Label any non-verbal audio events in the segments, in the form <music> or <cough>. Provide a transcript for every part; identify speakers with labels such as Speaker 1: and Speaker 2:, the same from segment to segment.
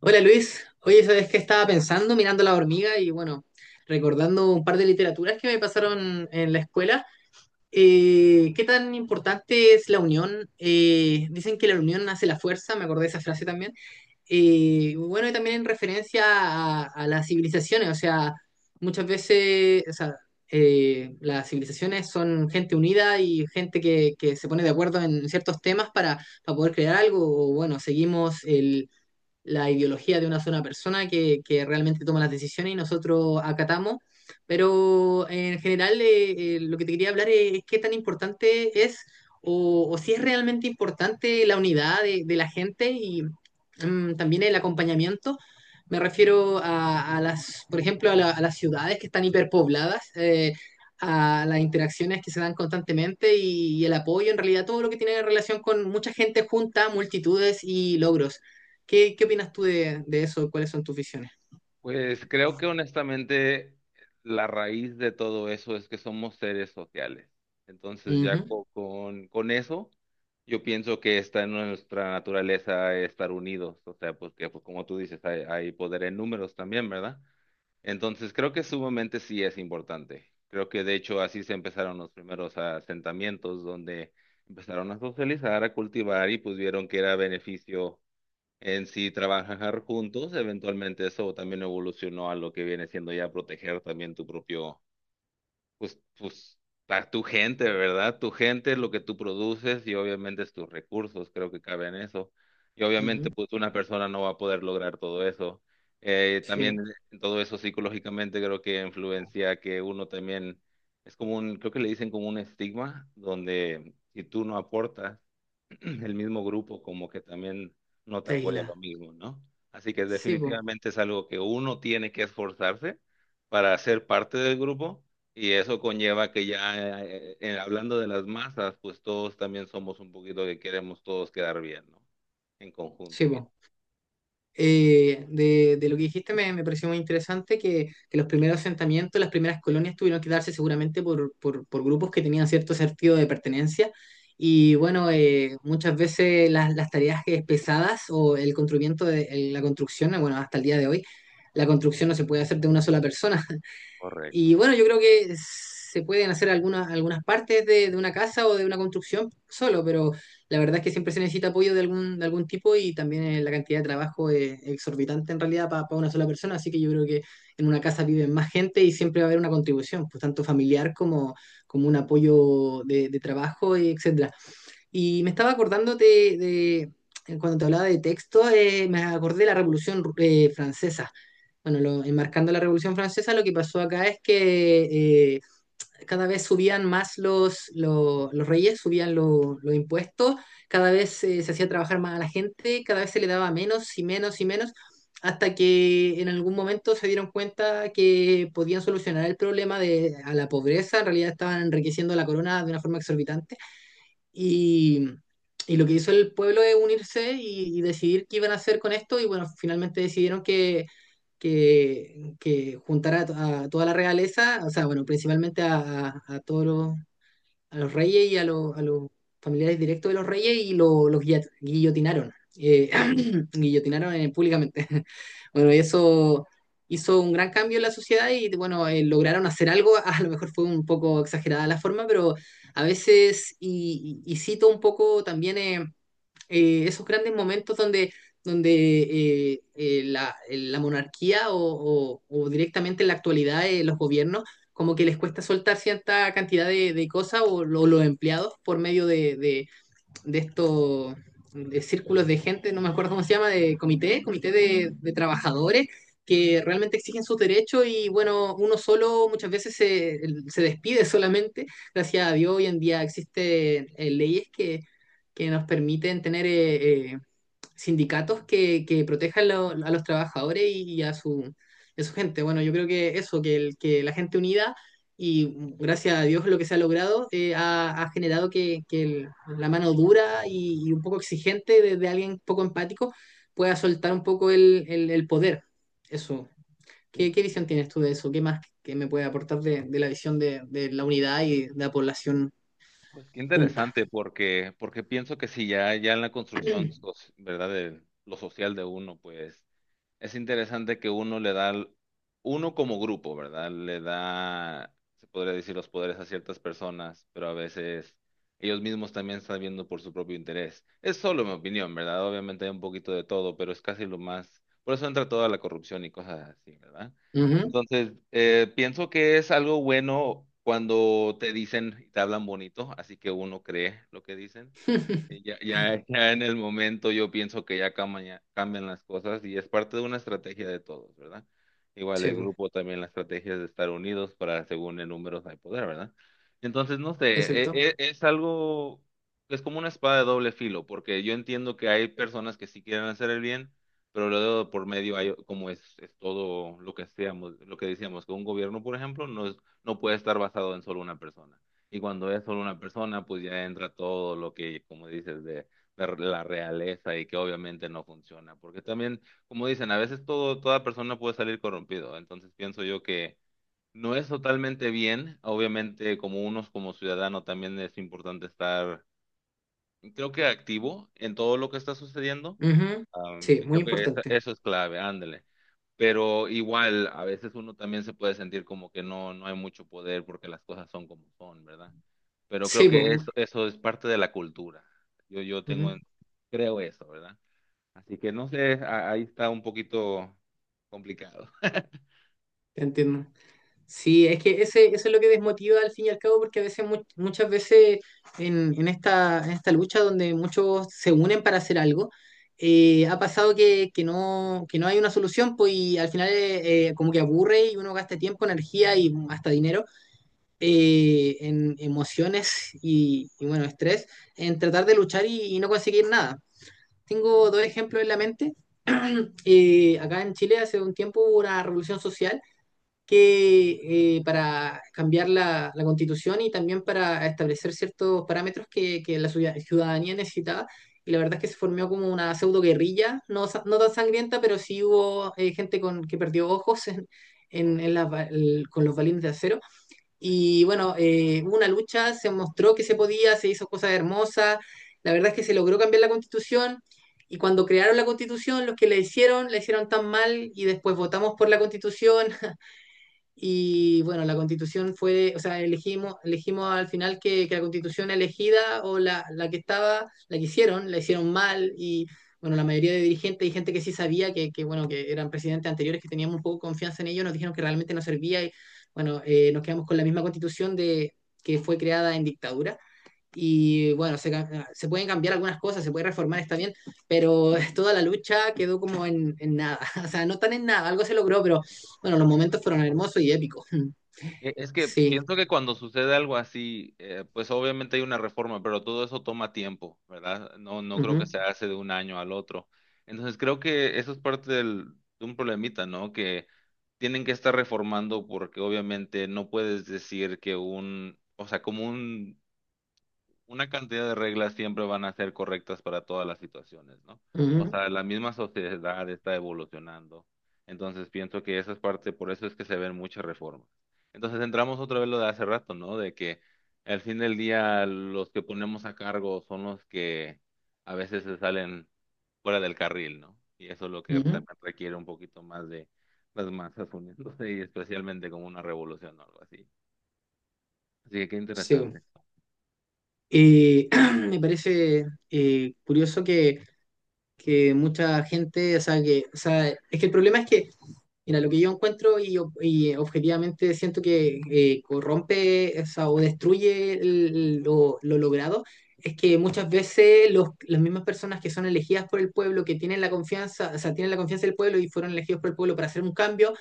Speaker 1: Hola Luis, oye, ¿sabes qué estaba pensando mirando la hormiga y bueno, recordando un par de literaturas que me pasaron en la escuela? ¿qué tan importante es la unión? Dicen que la unión hace la fuerza, me acordé de esa frase también. Bueno, y también en referencia a las civilizaciones, o sea, muchas veces, o sea, las civilizaciones son gente unida y gente que se pone de acuerdo en ciertos temas para poder crear algo, o bueno, seguimos el la ideología de una sola persona que realmente toma las decisiones y nosotros acatamos. Pero en general, lo que te quería hablar es qué tan importante es o si es realmente importante la unidad de la gente y también el acompañamiento. Me refiero a las, por ejemplo, a las ciudades que están hiperpobladas, a las interacciones que se dan constantemente y el apoyo, en realidad todo lo que tiene relación con mucha gente junta, multitudes y logros. ¿Qué opinas tú de eso? ¿Cuáles son tus visiones?
Speaker 2: Pues creo que honestamente la raíz de todo eso es que somos seres sociales. Entonces ya
Speaker 1: Ujú,
Speaker 2: con eso yo pienso que está en nuestra naturaleza estar unidos. O sea, porque pues, como tú dices, hay poder en números también, ¿verdad? Entonces creo que sumamente sí es importante. Creo que de hecho así se empezaron los primeros asentamientos donde empezaron a socializar, a cultivar y pues vieron que era beneficio en sí, trabajar juntos, eventualmente eso también evolucionó a lo que viene siendo ya proteger también tu propio, pues, a tu gente, ¿verdad? Tu gente, lo que tú produces y obviamente es tus recursos, creo que cabe en eso. Y obviamente,
Speaker 1: ujú.
Speaker 2: pues, una persona no va a poder lograr todo eso. También
Speaker 1: Sí,
Speaker 2: todo eso psicológicamente creo que influencia que uno también, es como un, creo que le dicen como un estigma, donde si tú no aportas, <clears throat> el mismo grupo como que también no te
Speaker 1: esta
Speaker 2: apoya lo
Speaker 1: isla.
Speaker 2: mismo, ¿no? Así que
Speaker 1: Sí, po.
Speaker 2: definitivamente es algo que uno tiene que esforzarse para ser parte del grupo y eso conlleva que ya hablando de las masas, pues todos también somos un poquito que queremos todos quedar bien, ¿no? En conjunto,
Speaker 1: Sí,
Speaker 2: bien.
Speaker 1: po. De lo que dijiste me pareció muy interesante que los primeros asentamientos, las primeras colonias tuvieron que darse seguramente por grupos que tenían cierto sentido de pertenencia. Y bueno, muchas veces las tareas pesadas o el construimiento de el- la construcción, bueno, hasta el día de hoy, la construcción no se puede hacer de una sola persona. Y
Speaker 2: Correcto.
Speaker 1: bueno, yo creo que se pueden hacer algunas partes de una casa o de una construcción solo, pero la verdad es que siempre se necesita apoyo de algún tipo y también la cantidad de trabajo es exorbitante en realidad para una sola persona, así que yo creo que en una casa viven más gente y siempre va a haber una contribución, pues tanto familiar como, como un apoyo de trabajo, etcétera. Y me estaba acordando de cuando te hablaba de texto, me acordé de la Revolución Francesa. Bueno, enmarcando la Revolución Francesa, lo que pasó acá es que cada vez subían más los reyes, subían los impuestos, cada vez se hacía trabajar más a la gente, cada vez se le daba menos y menos y menos, hasta que en algún momento se dieron cuenta que podían solucionar el problema de a la pobreza, en realidad estaban enriqueciendo a la corona de una forma exorbitante y, y lo que hizo el pueblo es unirse y decidir qué iban a hacer con esto. Y bueno, finalmente decidieron que juntar a toda la realeza, o sea, bueno, principalmente a todos los, a los reyes y a los familiares directos de los reyes y los guillotinaron. eh, <clears throat> guillotinaron públicamente. <laughs> Bueno, y eso hizo un gran cambio en la sociedad y bueno, lograron hacer algo. <laughs> A lo mejor fue un poco exagerada la forma, pero a veces, y cito un poco también, esos grandes momentos donde, donde la monarquía o o directamente en la actualidad los gobiernos como que les cuesta soltar cierta cantidad de cosas o los empleados por medio de de estos de círculos de gente, no me acuerdo cómo se llama, de comité, comité de trabajadores que realmente exigen sus derechos y bueno, uno solo muchas veces se, se despide solamente. Gracias a Dios hoy en día existen leyes nos permiten tener sindicatos que protejan a los trabajadores y a su gente. Bueno, yo creo que eso, que la gente unida y gracias a Dios lo que se ha logrado ha generado que la mano dura y un poco exigente de alguien poco empático pueda soltar un poco el poder. Eso.
Speaker 2: Sí,
Speaker 1: ¿Qué
Speaker 2: sí,
Speaker 1: visión
Speaker 2: sí.
Speaker 1: tienes tú de eso? ¿Qué más que me puede aportar de la visión de la unidad y de la población
Speaker 2: Pues qué
Speaker 1: junta?
Speaker 2: interesante porque pienso que si ya en la construcción,
Speaker 1: <clears throat>
Speaker 2: soci- ¿verdad? De lo social de uno, pues es interesante que uno le da, al- uno como grupo, ¿verdad? Le da, se podría decir, los poderes a ciertas personas, pero a veces ellos mismos también están viendo por su propio interés. Es solo mi opinión, ¿verdad? Obviamente hay un poquito de todo, pero es casi lo más, por eso entra toda la corrupción y cosas así, ¿verdad?
Speaker 1: Ujú.
Speaker 2: Entonces, pienso que es algo bueno cuando te dicen y te hablan bonito, así que uno cree lo que dicen.
Speaker 1: <laughs>
Speaker 2: Ya en el momento yo pienso que ya ya cambian las cosas y es parte de una estrategia de todos, ¿verdad? Igual
Speaker 1: Sí,
Speaker 2: el grupo también la estrategia es de estar unidos para según en números hay poder, ¿verdad? Entonces, no sé, e-
Speaker 1: exacto.
Speaker 2: e- es, algo, es como una espada de doble filo, porque yo entiendo que hay personas que sí quieren hacer el bien, pero luego por medio hay, como es todo lo que seamos, lo que decíamos, que un gobierno, por ejemplo, no puede estar basado en solo una persona. Y cuando es solo una persona, pues ya entra todo lo que, como dices, de la realeza y que obviamente no funciona. Porque también, como dicen, a veces todo, toda persona puede salir corrompido. Entonces pienso yo que no es totalmente bien. Obviamente, como unos como ciudadano, también es importante estar, creo que activo en todo lo que está sucediendo.
Speaker 1: Ujú, sí,
Speaker 2: Creo
Speaker 1: muy
Speaker 2: que esa-
Speaker 1: importante.
Speaker 2: eso es clave, ándale. Pero igual, a veces uno también se puede sentir como que no, no hay mucho poder porque las cosas son como son, ¿verdad? Pero creo
Speaker 1: Sí, pues,
Speaker 2: que
Speaker 1: mu-
Speaker 2: eso es parte de la cultura. Yo tengo,
Speaker 1: ujú,
Speaker 2: en- creo eso, ¿verdad? Así que no sé, a- ahí está un poquito complicado.
Speaker 1: te entiendo. Sí, es que ese, eso es lo que desmotiva al fin y al cabo, porque a veces, muchas veces en esta lucha donde muchos se unen para hacer algo, ha pasado que no hay una solución, pues y al final como que aburre y uno gasta tiempo, energía y hasta dinero en emociones bueno, estrés en tratar de luchar y no conseguir nada. Tengo dos ejemplos en la mente. Acá en Chile hace un tiempo hubo una revolución social que para cambiar la, la constitución y también para establecer ciertos parámetros que la ciudadanía necesitaba. Y la verdad es que se formó como una pseudo guerrilla, no, no tan sangrienta, pero sí hubo gente con, que perdió ojos en, en-
Speaker 2: Ok,
Speaker 1: en las con los balines de acero.
Speaker 2: sí.
Speaker 1: Y bueno, hubo una lucha, se mostró que se podía, se hizo cosas hermosas. La verdad es que se logró cambiar la constitución. Y cuando crearon la constitución, los que la hicieron tan mal y después votamos por la constitución y bueno, la constitución fue, o sea, elegimos, elegimos al final que la constitución elegida o la que estaba, la que hicieron, la hicieron mal y bueno, la mayoría de dirigentes y gente que sí sabía que bueno, que eran presidentes anteriores, que teníamos un poco de confianza en ellos, nos dijeron que realmente no servía y bueno, nos quedamos con la misma constitución de, que fue creada en dictadura. Y bueno, se pueden cambiar algunas cosas, se puede reformar, está bien, pero <laughs> toda la lucha quedó como en nada. <laughs> O sea, no tan en nada, algo se logró, pero bueno, los momentos fueron hermosos y épicos. <laughs>
Speaker 2: Es que
Speaker 1: Sí.
Speaker 2: pienso que cuando sucede algo así, pues obviamente hay una reforma, pero todo eso toma tiempo, ¿verdad? No, no creo
Speaker 1: Ujú,
Speaker 2: que se hace de un año al otro. Entonces creo que eso es parte del- de un problemita, ¿no? Que tienen que estar reformando porque obviamente no puedes decir que un, o sea, como un una cantidad de reglas siempre van a ser correctas para todas las situaciones, ¿no? O
Speaker 1: ujú,
Speaker 2: sea, la misma sociedad está evolucionando. Entonces pienso que esa es parte, por eso es que se ven muchas reformas. Entonces entramos otra vez lo de hace rato, ¿no? De que al fin del día los que ponemos a cargo son los que a veces se salen fuera del carril, ¿no? Y eso es lo que
Speaker 1: ujú.
Speaker 2: también requiere un poquito más de las masas uniéndose y especialmente como una revolución o algo así. Así que qué
Speaker 1: Sí. Bueno.
Speaker 2: interesante.
Speaker 1: Y <clears throat> me parece curioso que mucha gente, o sea, que, o sea, es que el problema es que mira, lo que yo encuentro y objetivamente siento que corrompe o, sea, o destruye lo logrado es que muchas veces los, las mismas personas que son elegidas por el pueblo, que tienen la confianza, o sea, tienen la confianza del pueblo y fueron elegidos por el pueblo para hacer un cambio,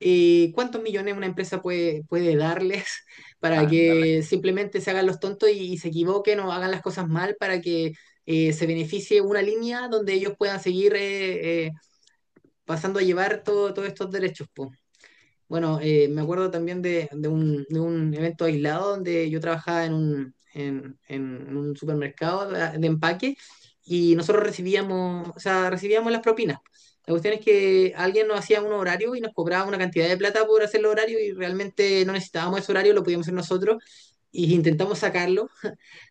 Speaker 1: ¿cuántos millones una empresa puede darles <laughs> para
Speaker 2: Ándale.
Speaker 1: que simplemente se hagan los tontos y se equivoquen o hagan las cosas mal para que se beneficie una línea donde ellos puedan seguir pasando a llevar todos estos derechos, po? Bueno, me acuerdo también de un evento aislado donde yo trabajaba en un supermercado de empaque y nosotros recibíamos, o sea, recibíamos las propinas. La cuestión es que alguien nos hacía un horario y nos cobraba una cantidad de plata por hacer el horario y realmente no necesitábamos ese horario, lo podíamos hacer nosotros y intentamos sacarlo.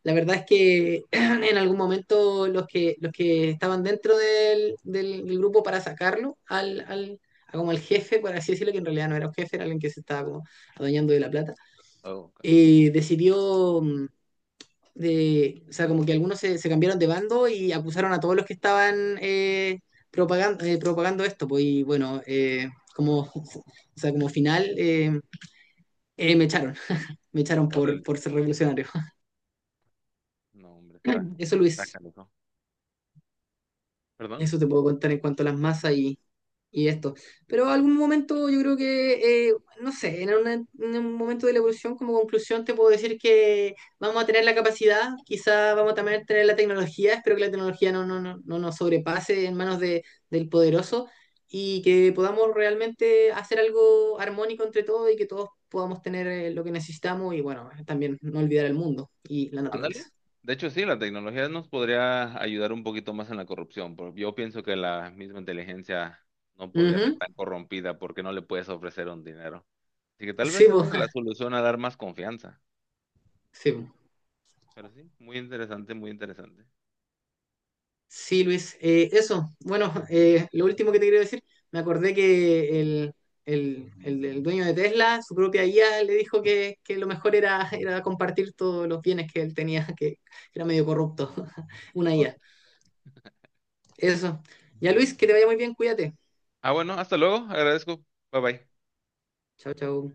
Speaker 1: La verdad es que <clears throat> en algún momento los que estaban dentro del grupo para sacarlo a como el jefe, por así decirlo, que en realidad no era un jefe, era alguien que se estaba como adueñando de la plata,
Speaker 2: Oh, ok.
Speaker 1: decidió de, o sea, como que algunos se, se cambiaron de bando y acusaron a todos los que estaban propagando esto, pues, y bueno, como, <laughs> o sea, como final eh, me echaron, me echaron por,
Speaker 2: Órale.
Speaker 1: por ser revolucionario. <laughs>
Speaker 2: No, hombre, está,
Speaker 1: Eso,
Speaker 2: está
Speaker 1: Luis,
Speaker 2: canijo. ¿Perdón?
Speaker 1: eso te puedo contar en cuanto a las masas y esto. Pero algún momento yo creo que, no sé, en un momento de la evolución como conclusión te puedo decir que vamos a tener la capacidad, quizá vamos a también tener la tecnología, espero que la tecnología no nos sobrepase en manos de, del poderoso y que podamos realmente hacer algo armónico entre todos y que todos podamos tener lo que necesitamos y bueno, también no olvidar el mundo y la
Speaker 2: Ándale.
Speaker 1: naturaleza.
Speaker 2: De hecho, sí, la tecnología nos podría ayudar un poquito más en la corrupción, pero yo pienso que la misma inteligencia no podría ser
Speaker 1: Ujú.
Speaker 2: tan corrompida porque no le puedes ofrecer un dinero. Así que tal vez
Speaker 1: Sí,
Speaker 2: esa
Speaker 1: pues.
Speaker 2: es la
Speaker 1: <laughs>
Speaker 2: solución a dar más confianza.
Speaker 1: Sí, po.
Speaker 2: Pero sí, muy interesante, muy interesante.
Speaker 1: Sí, Luis, eso. Bueno, lo último que te quería decir, me acordé que el dueño de Tesla, su propia IA, le dijo que lo mejor era, era compartir todos los bienes que él tenía, <laughs> que era medio corrupto, <laughs> una IA.
Speaker 2: Awesome.
Speaker 1: Eso. Ya, Luis, que te vaya muy bien, cuídate.
Speaker 2: Ah, bueno, hasta luego. Agradezco. Bye bye.
Speaker 1: Chao, chao.